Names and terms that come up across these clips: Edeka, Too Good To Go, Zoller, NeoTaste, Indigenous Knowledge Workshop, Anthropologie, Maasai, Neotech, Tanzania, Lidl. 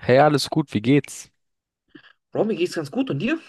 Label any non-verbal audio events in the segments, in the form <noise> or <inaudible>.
Hey, alles gut, wie geht's? Bro, mir geht's ganz gut. Und dir?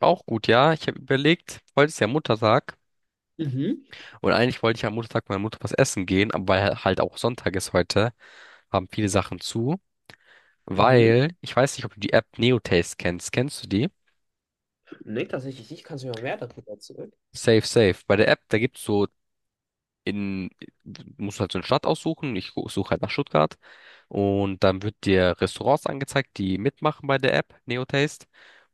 Auch gut, ja. Ich habe überlegt, heute ist ja Muttertag Mhm, und eigentlich wollte ich am Muttertag meiner Mutter was essen gehen, aber weil halt auch Sonntag ist heute, haben viele Sachen zu, mhm. weil ich weiß nicht, ob du die App NeoTaste kennst. Kennst du die? Nee, tatsächlich nicht. Kannst du mir mal mehr darüber erzählen? Safe, safe. Bei der App, da gibt's so in, musst halt so eine Stadt aussuchen. Suche halt nach Stuttgart. Und dann wird dir Restaurants angezeigt, die mitmachen bei der App NeoTaste.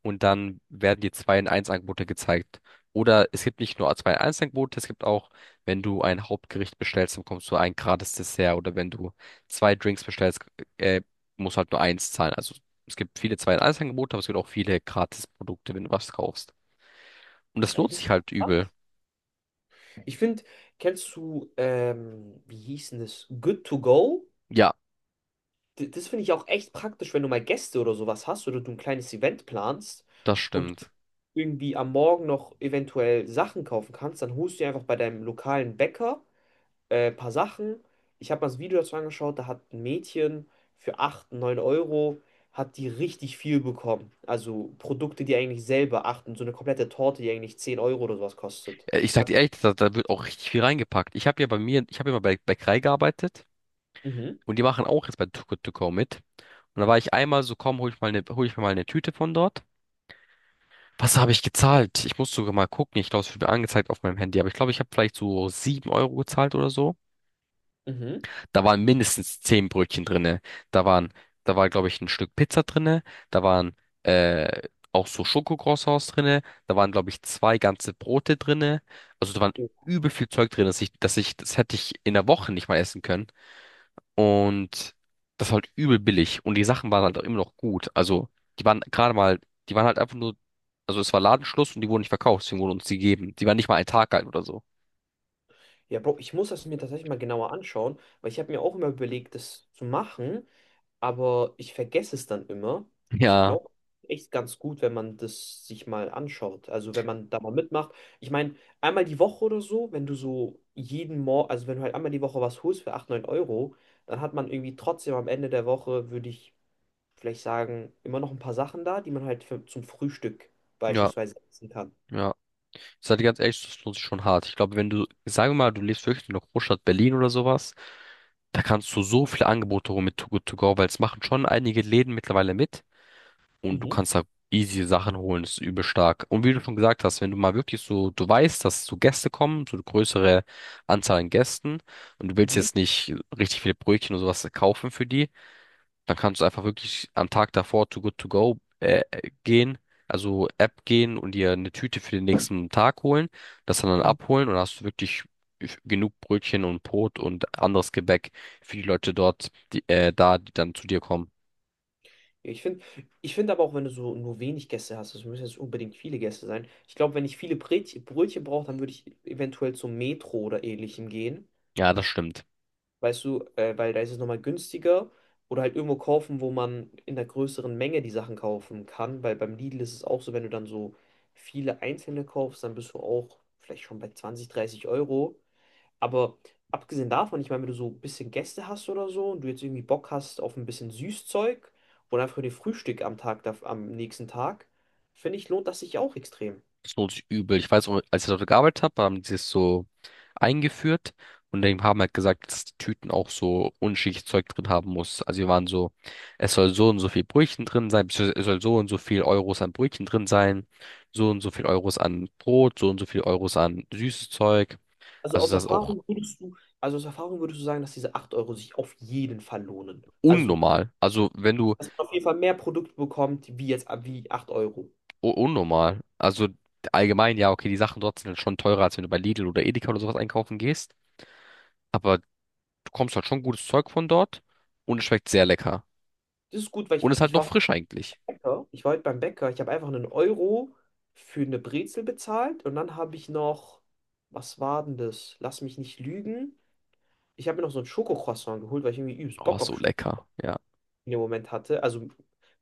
Und dann werden dir zwei in eins angebote gezeigt. Oder es gibt nicht nur zwei in eins angebote, es gibt auch, wenn du ein Hauptgericht bestellst, dann bekommst du ein gratis Dessert. Oder wenn du zwei Drinks bestellst, äh, musst halt nur eins zahlen. Also es gibt viele zwei in eins angebote, aber es gibt auch viele Gratis-Produkte, wenn du was kaufst. Und das Weil lohnt das sich ist halt übel. krass. Ich finde, kennst du, wie hieß denn das? Good to go? Ja, D das finde ich auch echt praktisch, wenn du mal Gäste oder sowas hast oder du ein kleines Event planst das und du stimmt. irgendwie am Morgen noch eventuell Sachen kaufen kannst, dann holst du dir einfach bei deinem lokalen Bäcker paar Sachen. Ich habe mal das Video dazu angeschaut, da hat ein Mädchen für 8, 9 Euro, hat die richtig viel bekommen. Also Produkte, die eigentlich selber achten, so eine komplette Torte, die eigentlich 10 Euro oder sowas kostet. Ich sag dir Hat, ehrlich, da wird auch richtig viel reingepackt. Ich habe ja mal bei Bäckerei gearbeitet mhm, und die machen auch jetzt bei Too Good To Go mit. Und da war ich einmal so, komm, hol ich mir mal eine Tüte von dort. Was habe ich gezahlt? Ich muss sogar mal gucken. Ich glaube, es wird mir angezeigt auf meinem Handy, aber ich glaube, ich habe vielleicht so 7 Euro gezahlt oder so. mhm. Da waren mindestens 10 Brötchen drinne. Da waren, da war, glaube ich, ein Stück Pizza drinne. Da waren äh, auch so Schokocroissants drinne. Da waren, glaube ich, zwei ganze Brote drinne. Also da waren übel viel Zeug drin, das hätte ich in der Woche nicht mal essen können. Und das war halt übel billig. Und die Sachen waren halt auch immer noch gut. Also die waren gerade mal, die waren halt einfach nur, also es war Ladenschluss und die wurden nicht verkauft, deswegen wurden uns die gegeben. Die waren nicht mal ein Tag alt oder so. Ja, Bro, ich muss das mir tatsächlich mal genauer anschauen, weil ich habe mir auch immer überlegt, das zu machen, aber ich vergesse es dann immer. Ich Ja, glaube, echt ganz gut, wenn man das sich mal anschaut. Also wenn man da mal mitmacht. Ich meine, einmal die Woche oder so, wenn du so jeden Morgen, also wenn du halt einmal die Woche was holst für 8, 9 Euro, dann hat man irgendwie trotzdem am Ende der Woche, würde ich vielleicht sagen, immer noch ein paar Sachen da, die man halt für, zum Frühstück ja, beispielsweise essen kann. ja. Ich sag dir ganz ehrlich, das lohnt sich schon hart. Ich glaube, wenn du, sagen wir mal, du lebst wirklich in der Großstadt Berlin oder sowas, da kannst du so viele Angebote holen mit Too Good To Go, weil es machen schon einige Läden mittlerweile mit, und du Mhm, kannst da easy Sachen holen, das ist übel stark. Und wie du schon gesagt hast, wenn du mal wirklich so, du weißt, dass so Gäste kommen, so eine größere Anzahl an Gästen und du willst mhm. jetzt nicht richtig viele Brötchen oder sowas kaufen für die, dann kannst du einfach wirklich am Tag davor to Good To Go gehen, also App gehen und dir eine Tüte für den nächsten Tag holen, das dann abholen, und hast du wirklich genug Brötchen und Brot und anderes Gebäck für die Leute dort, die dann zu dir kommen. Ja, ich finde aber auch, wenn du so nur wenig Gäste hast, es müssen jetzt nicht unbedingt viele Gäste sein. Ich glaube, wenn ich viele Brötchen brauche, dann würde ich eventuell zum Metro oder ähnlichem gehen. Ja, das stimmt. Weißt du, weil da ist es nochmal günstiger. Oder halt irgendwo kaufen, wo man in einer größeren Menge die Sachen kaufen kann. Weil beim Lidl ist es auch so, wenn du dann so viele einzelne kaufst, dann bist du auch vielleicht schon bei 20-30 Euro. Aber abgesehen davon, ich meine, wenn du so ein bisschen Gäste hast oder so und du jetzt irgendwie Bock hast auf ein bisschen Süßzeug oder einfach den Frühstück am Tag, am nächsten Tag, finde ich, lohnt das sich auch extrem. So übel. Ich weiß, als ich dort gearbeitet habe, haben die es so eingeführt und die haben halt gesagt, dass die Tüten auch so unschichtes Zeug drin haben muss. Also wir waren so, es soll so und so viel Brötchen drin sein, beziehungsweise es soll so und so viel Euros an Brötchen drin sein, so und so viel Euros an Brot, so und so viel Euros an süßes Zeug. Also das ist auch Aus Erfahrung würdest du sagen, dass diese 8 Euro sich auf jeden Fall lohnen. Also, unnormal. Also wenn du dass man auf jeden Fall mehr Produkte bekommt, wie jetzt, wie 8 Euro. u- Unnormal, also allgemein, ja, okay, die Sachen dort sind schon teurer, als wenn du bei Lidl oder Edeka oder sowas einkaufen gehst. Aber bekommst halt schon gutes Zeug von dort und es schmeckt sehr lecker. Das ist gut, weil Und ist halt noch frisch eigentlich. Ich war heute beim Bäcker, ich habe einfach 1 Euro für eine Brezel bezahlt und dann habe ich noch, was war denn das? Lass mich nicht lügen. Ich habe mir noch so ein Schokocroissant geholt, weil ich irgendwie übelst Oh, Bock auf so Schoko lecker. Ja. in dem Moment hatte. Also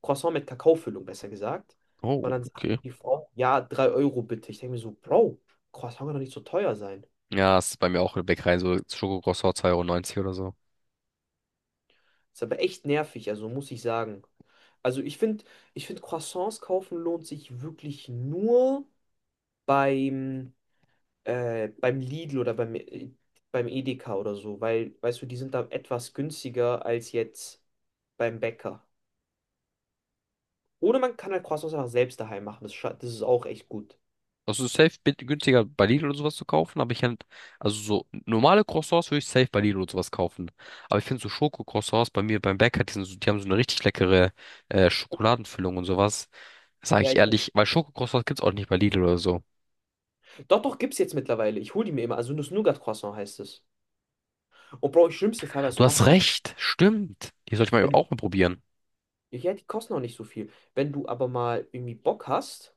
Croissant mit Kakaofüllung, besser gesagt. Oh, Und dann sagt okay. die Frau, ja, 3 Euro bitte. Ich denke mir so, Bro, Croissant kann doch nicht so teuer sein. Ja, es ist bei mir auch in der Bäckerei, so Schokokroissant 2,90 Euro neunzig oder so. Ist aber echt nervig, also muss ich sagen. Also ich finde, Croissants kaufen lohnt sich wirklich nur beim, beim Lidl oder beim Edeka oder so, weil, weißt du, die sind da etwas günstiger als jetzt beim Bäcker. Oder man kann halt Croissants einfach selbst daheim machen. Das ist auch echt gut. Also günstiger bei Lidl oder sowas zu kaufen, aber also so normale Croissants würde ich safe bei Lidl oder sowas kaufen. Aber ich finde so Schokocroissants bei mir beim Bäcker, die sind so, die haben so eine richtig leckere Schokoladenfüllung und sowas. Sage Ja, ich ich kann. ehrlich, weil Schokocroissants gibt's auch nicht bei Lidl oder so. Doch, doch, gibt's jetzt mittlerweile. Ich hole die mir immer. Also Nuss-Nougat-Croissant heißt es. Und Bro, schlimmste Fall, was du Du machen hast kannst, recht, stimmt. Die soll ich mal wenn du, auch mal probieren. ja, die kosten auch nicht so viel. Wenn du aber mal irgendwie Bock hast,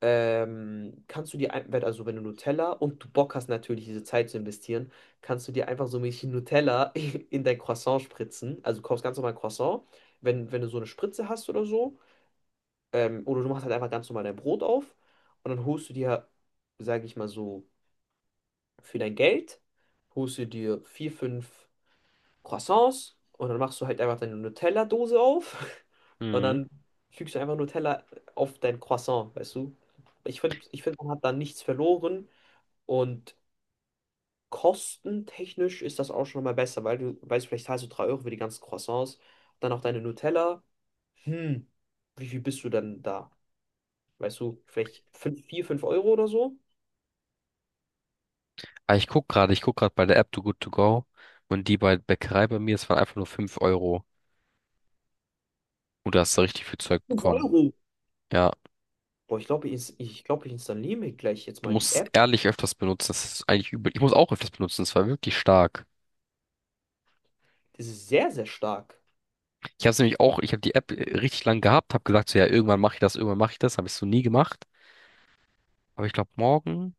kannst du dir, also wenn du Nutella und du Bock hast, natürlich diese Zeit zu investieren, kannst du dir einfach so ein bisschen Nutella <laughs> in dein Croissant spritzen. Also du kaufst ganz normal Croissant, wenn du so eine Spritze hast oder so. Oder du machst halt einfach ganz normal dein Brot auf und dann holst du dir, sage ich mal so, für dein Geld, holst du dir vier, fünf Croissants und dann machst du halt einfach deine Nutella-Dose auf <laughs> und Mhm. dann fügst du einfach Nutella auf dein Croissant, weißt du? Ich find, man hat da nichts verloren und kostentechnisch ist das auch schon mal besser, weil du weißt, vielleicht zahlst du 3 Euro für die ganzen Croissants, dann auch deine Nutella. Hm, wie viel bist du denn da? Weißt du, vielleicht 5, 4, 5 € oder so? Ah, ich guck gerade bei der App Too Good To Go, und die bei Bäckerei bei mir, es waren einfach nur 5 Euro. Und da hast du richtig viel Zeug Fünf bekommen. Euro. Ja, Boah, ich glaube, glaub, ich installiere mir gleich jetzt du mal die musst es App. ehrlich öfters benutzen. Das ist eigentlich übel. Ich muss auch öfters benutzen. Es war wirklich stark. Das ist sehr, sehr stark. Ich habe es nämlich auch, ich habe die App richtig lang gehabt, habe gesagt, so ja, irgendwann mache ich das, irgendwann mache ich das. Habe ich so nie gemacht. Aber ich glaube, morgen,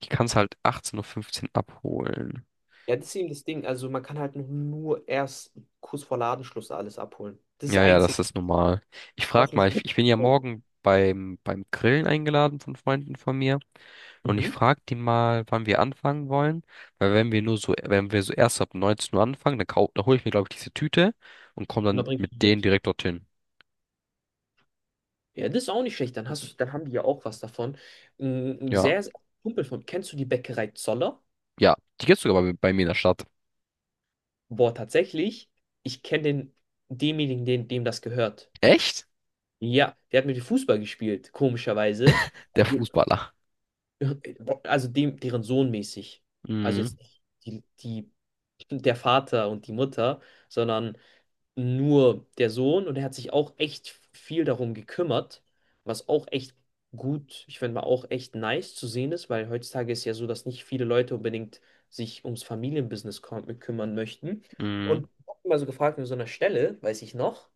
ich kann es halt 18:15 Uhr fünfzehn abholen. Ja, das ist eben das Ding. Also man kann halt noch nur erst kurz vor Ladenschluss alles abholen. Das ist das Ja, ja, das Einzige, ist normal. Ich was frag mich. mal, ich bin ja morgen beim Grillen eingeladen von Freunden von mir. Und ich Mhm. frage die mal, wann wir anfangen wollen. Weil wenn wir nur so, Wenn wir so erst ab 19 Uhr anfangen, dann hole ich mir, glaube ich, diese Tüte und komme Und da dann bringst mit du denen mit. direkt dorthin. Ja, das ist auch nicht schlecht. Dann hast du, dann haben die ja auch was davon. Ein Ja, sehr, sehr Kumpel von, kennst du die Bäckerei Zoller? ja. Die gibt's sogar bei mir in der Stadt. Boah, tatsächlich. Ich kenne den, demjenigen, den, dem das gehört. Echt? Ja, der hat mit mir Fußball gespielt, komischerweise. Der Also, Fußballer. äh, also dem, deren Sohn mäßig. Also jetzt Mhm, nicht die, der Vater und die Mutter, sondern nur der Sohn. Und er hat sich auch echt viel darum gekümmert, was auch echt gut, ich finde mal auch echt nice zu sehen ist, weil heutzutage ist ja so, dass nicht viele Leute unbedingt sich ums Familienbusiness kümmern möchten. mhm. Und ich habe mal so gefragt, an so einer Stelle, weiß ich noch,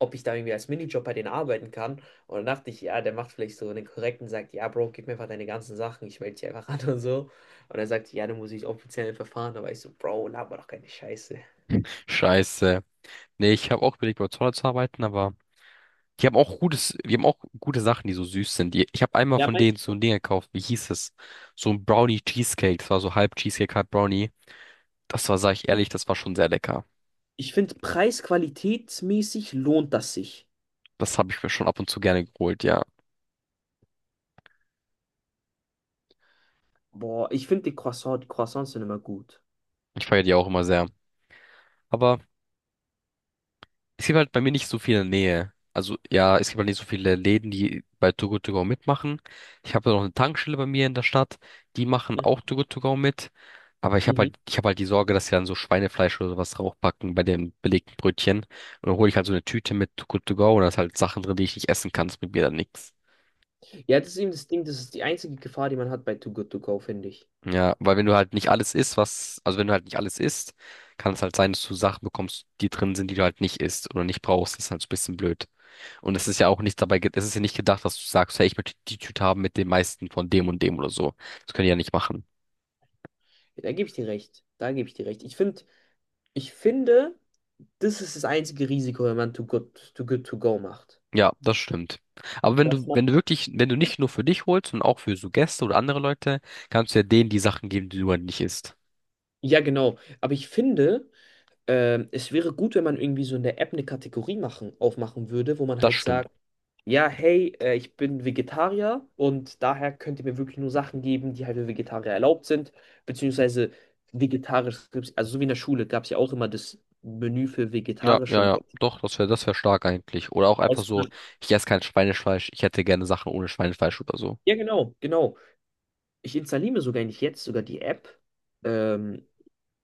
ob ich da irgendwie als Minijob bei denen arbeiten kann. Und dann dachte ich, ja, der macht vielleicht so einen korrekten, sagt, ja, Bro, gib mir einfach deine ganzen Sachen, ich melde dich einfach an <laughs> und so. Und er sagt, ja, dann muss ich offiziell verfahren. Da war ich so, Bro, laber doch keine Scheiße. Scheiße. Nee, ich habe auch überlegt, bei Zoller zu arbeiten, aber die haben auch gute Sachen, die so süß sind. Ich habe einmal Ja, von mein, denen so ein Ding gekauft, wie hieß es? So ein Brownie Cheesecake. Das war so halb Cheesecake, halb Brownie. Das war, sag ich ehrlich, das war schon sehr lecker. ich finde, preis-qualitätsmäßig lohnt das sich. Das habe ich mir schon ab und zu gerne geholt, ja. Boah, ich finde die Croissants sind immer gut. Ich feiere die auch immer sehr. Aber es gibt halt bei mir nicht so viel in der Nähe. Also ja, es gibt halt nicht so viele Läden, die bei Too Good To Go mitmachen. Ich habe noch eine Tankstelle bei mir in der Stadt, die machen auch Too Good To Go mit. Aber ich habe Mhm. halt, ich habe halt die Sorge, dass sie dann so Schweinefleisch oder sowas draufpacken bei den belegten Brötchen. Und dann hole ich halt so eine Tüte mit Too Good To Go, und da ist halt Sachen drin, die ich nicht essen kann. Das bringt mir dann nichts. Ja, das ist eben das Ding, das ist die einzige Gefahr, die man hat bei Too Good To Go, finde ich. Ja, weil wenn du halt nicht alles isst, was, also wenn du halt nicht alles isst, kann es halt sein, dass du Sachen bekommst, die drin sind, die du halt nicht isst oder nicht brauchst. Das ist halt so ein bisschen blöd. Und es ist ja auch nicht dabei, es ist ja nicht gedacht, dass du sagst, hey, ich möchte die Tüte haben mit dem meisten von dem und dem oder so. Das können die ja nicht machen. Ja, da gebe ich dir recht. Da gebe ich dir recht. Ich finde, das ist das einzige Risiko, wenn man Too Good To Go macht. Ja, das stimmt. Aber wenn Dass du, man, wenn du wirklich, wenn du nicht nur für dich holst, sondern auch für so Gäste oder andere Leute, kannst du ja denen die Sachen geben, die du halt nicht isst. ja, genau. Aber ich finde, es wäre gut, wenn man irgendwie so in der App eine Kategorie machen, aufmachen würde, wo man Das halt stimmt. sagt, ja, hey, ich bin Vegetarier und daher könnt ihr mir wirklich nur Sachen geben, die halt für Vegetarier erlaubt sind, beziehungsweise vegetarisch, also so wie in der Schule gab es ja auch immer das Menü für Ja, vegetarische ja, ja. Leute. Doch, das wär stark eigentlich. Oder auch einfach Also, so, ich esse kein Schweinefleisch, ich hätte gerne Sachen ohne Schweinefleisch oder so. ja, genau, genau. Ich installiere sogar nicht jetzt sogar die App, ähm,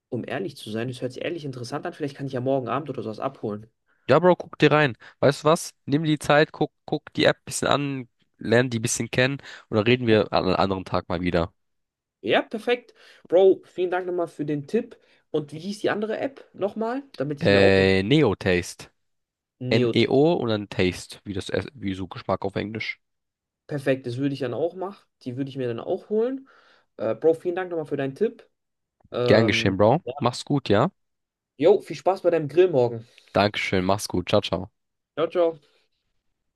um ehrlich zu sein. Das hört sich ehrlich interessant an. Vielleicht kann ich ja morgen Abend oder sowas abholen. Ja, Bro, guck dir rein. Weißt du was? Nimm die Zeit, guck die App ein bisschen an, lern die ein bisschen kennen, und dann reden wir an einem anderen Tag mal wieder. Ja, perfekt. Bro, vielen Dank nochmal für den Tipp. Und wie hieß die andere App nochmal? Damit ich mir auch. Neo-Taste. NEO Taste. N E Neotech. O und dann Taste, wie wie so Geschmack auf Englisch. Perfekt, das würde ich dann auch machen. Die würde ich mir dann auch holen. Bro, vielen Dank nochmal für deinen Tipp. Gern geschehen, Ähm, Bro. ja. Mach's gut, ja? Jo, viel Spaß bei deinem Grill morgen. Dankeschön, mach's gut. Ciao, ciao. Ciao, ciao.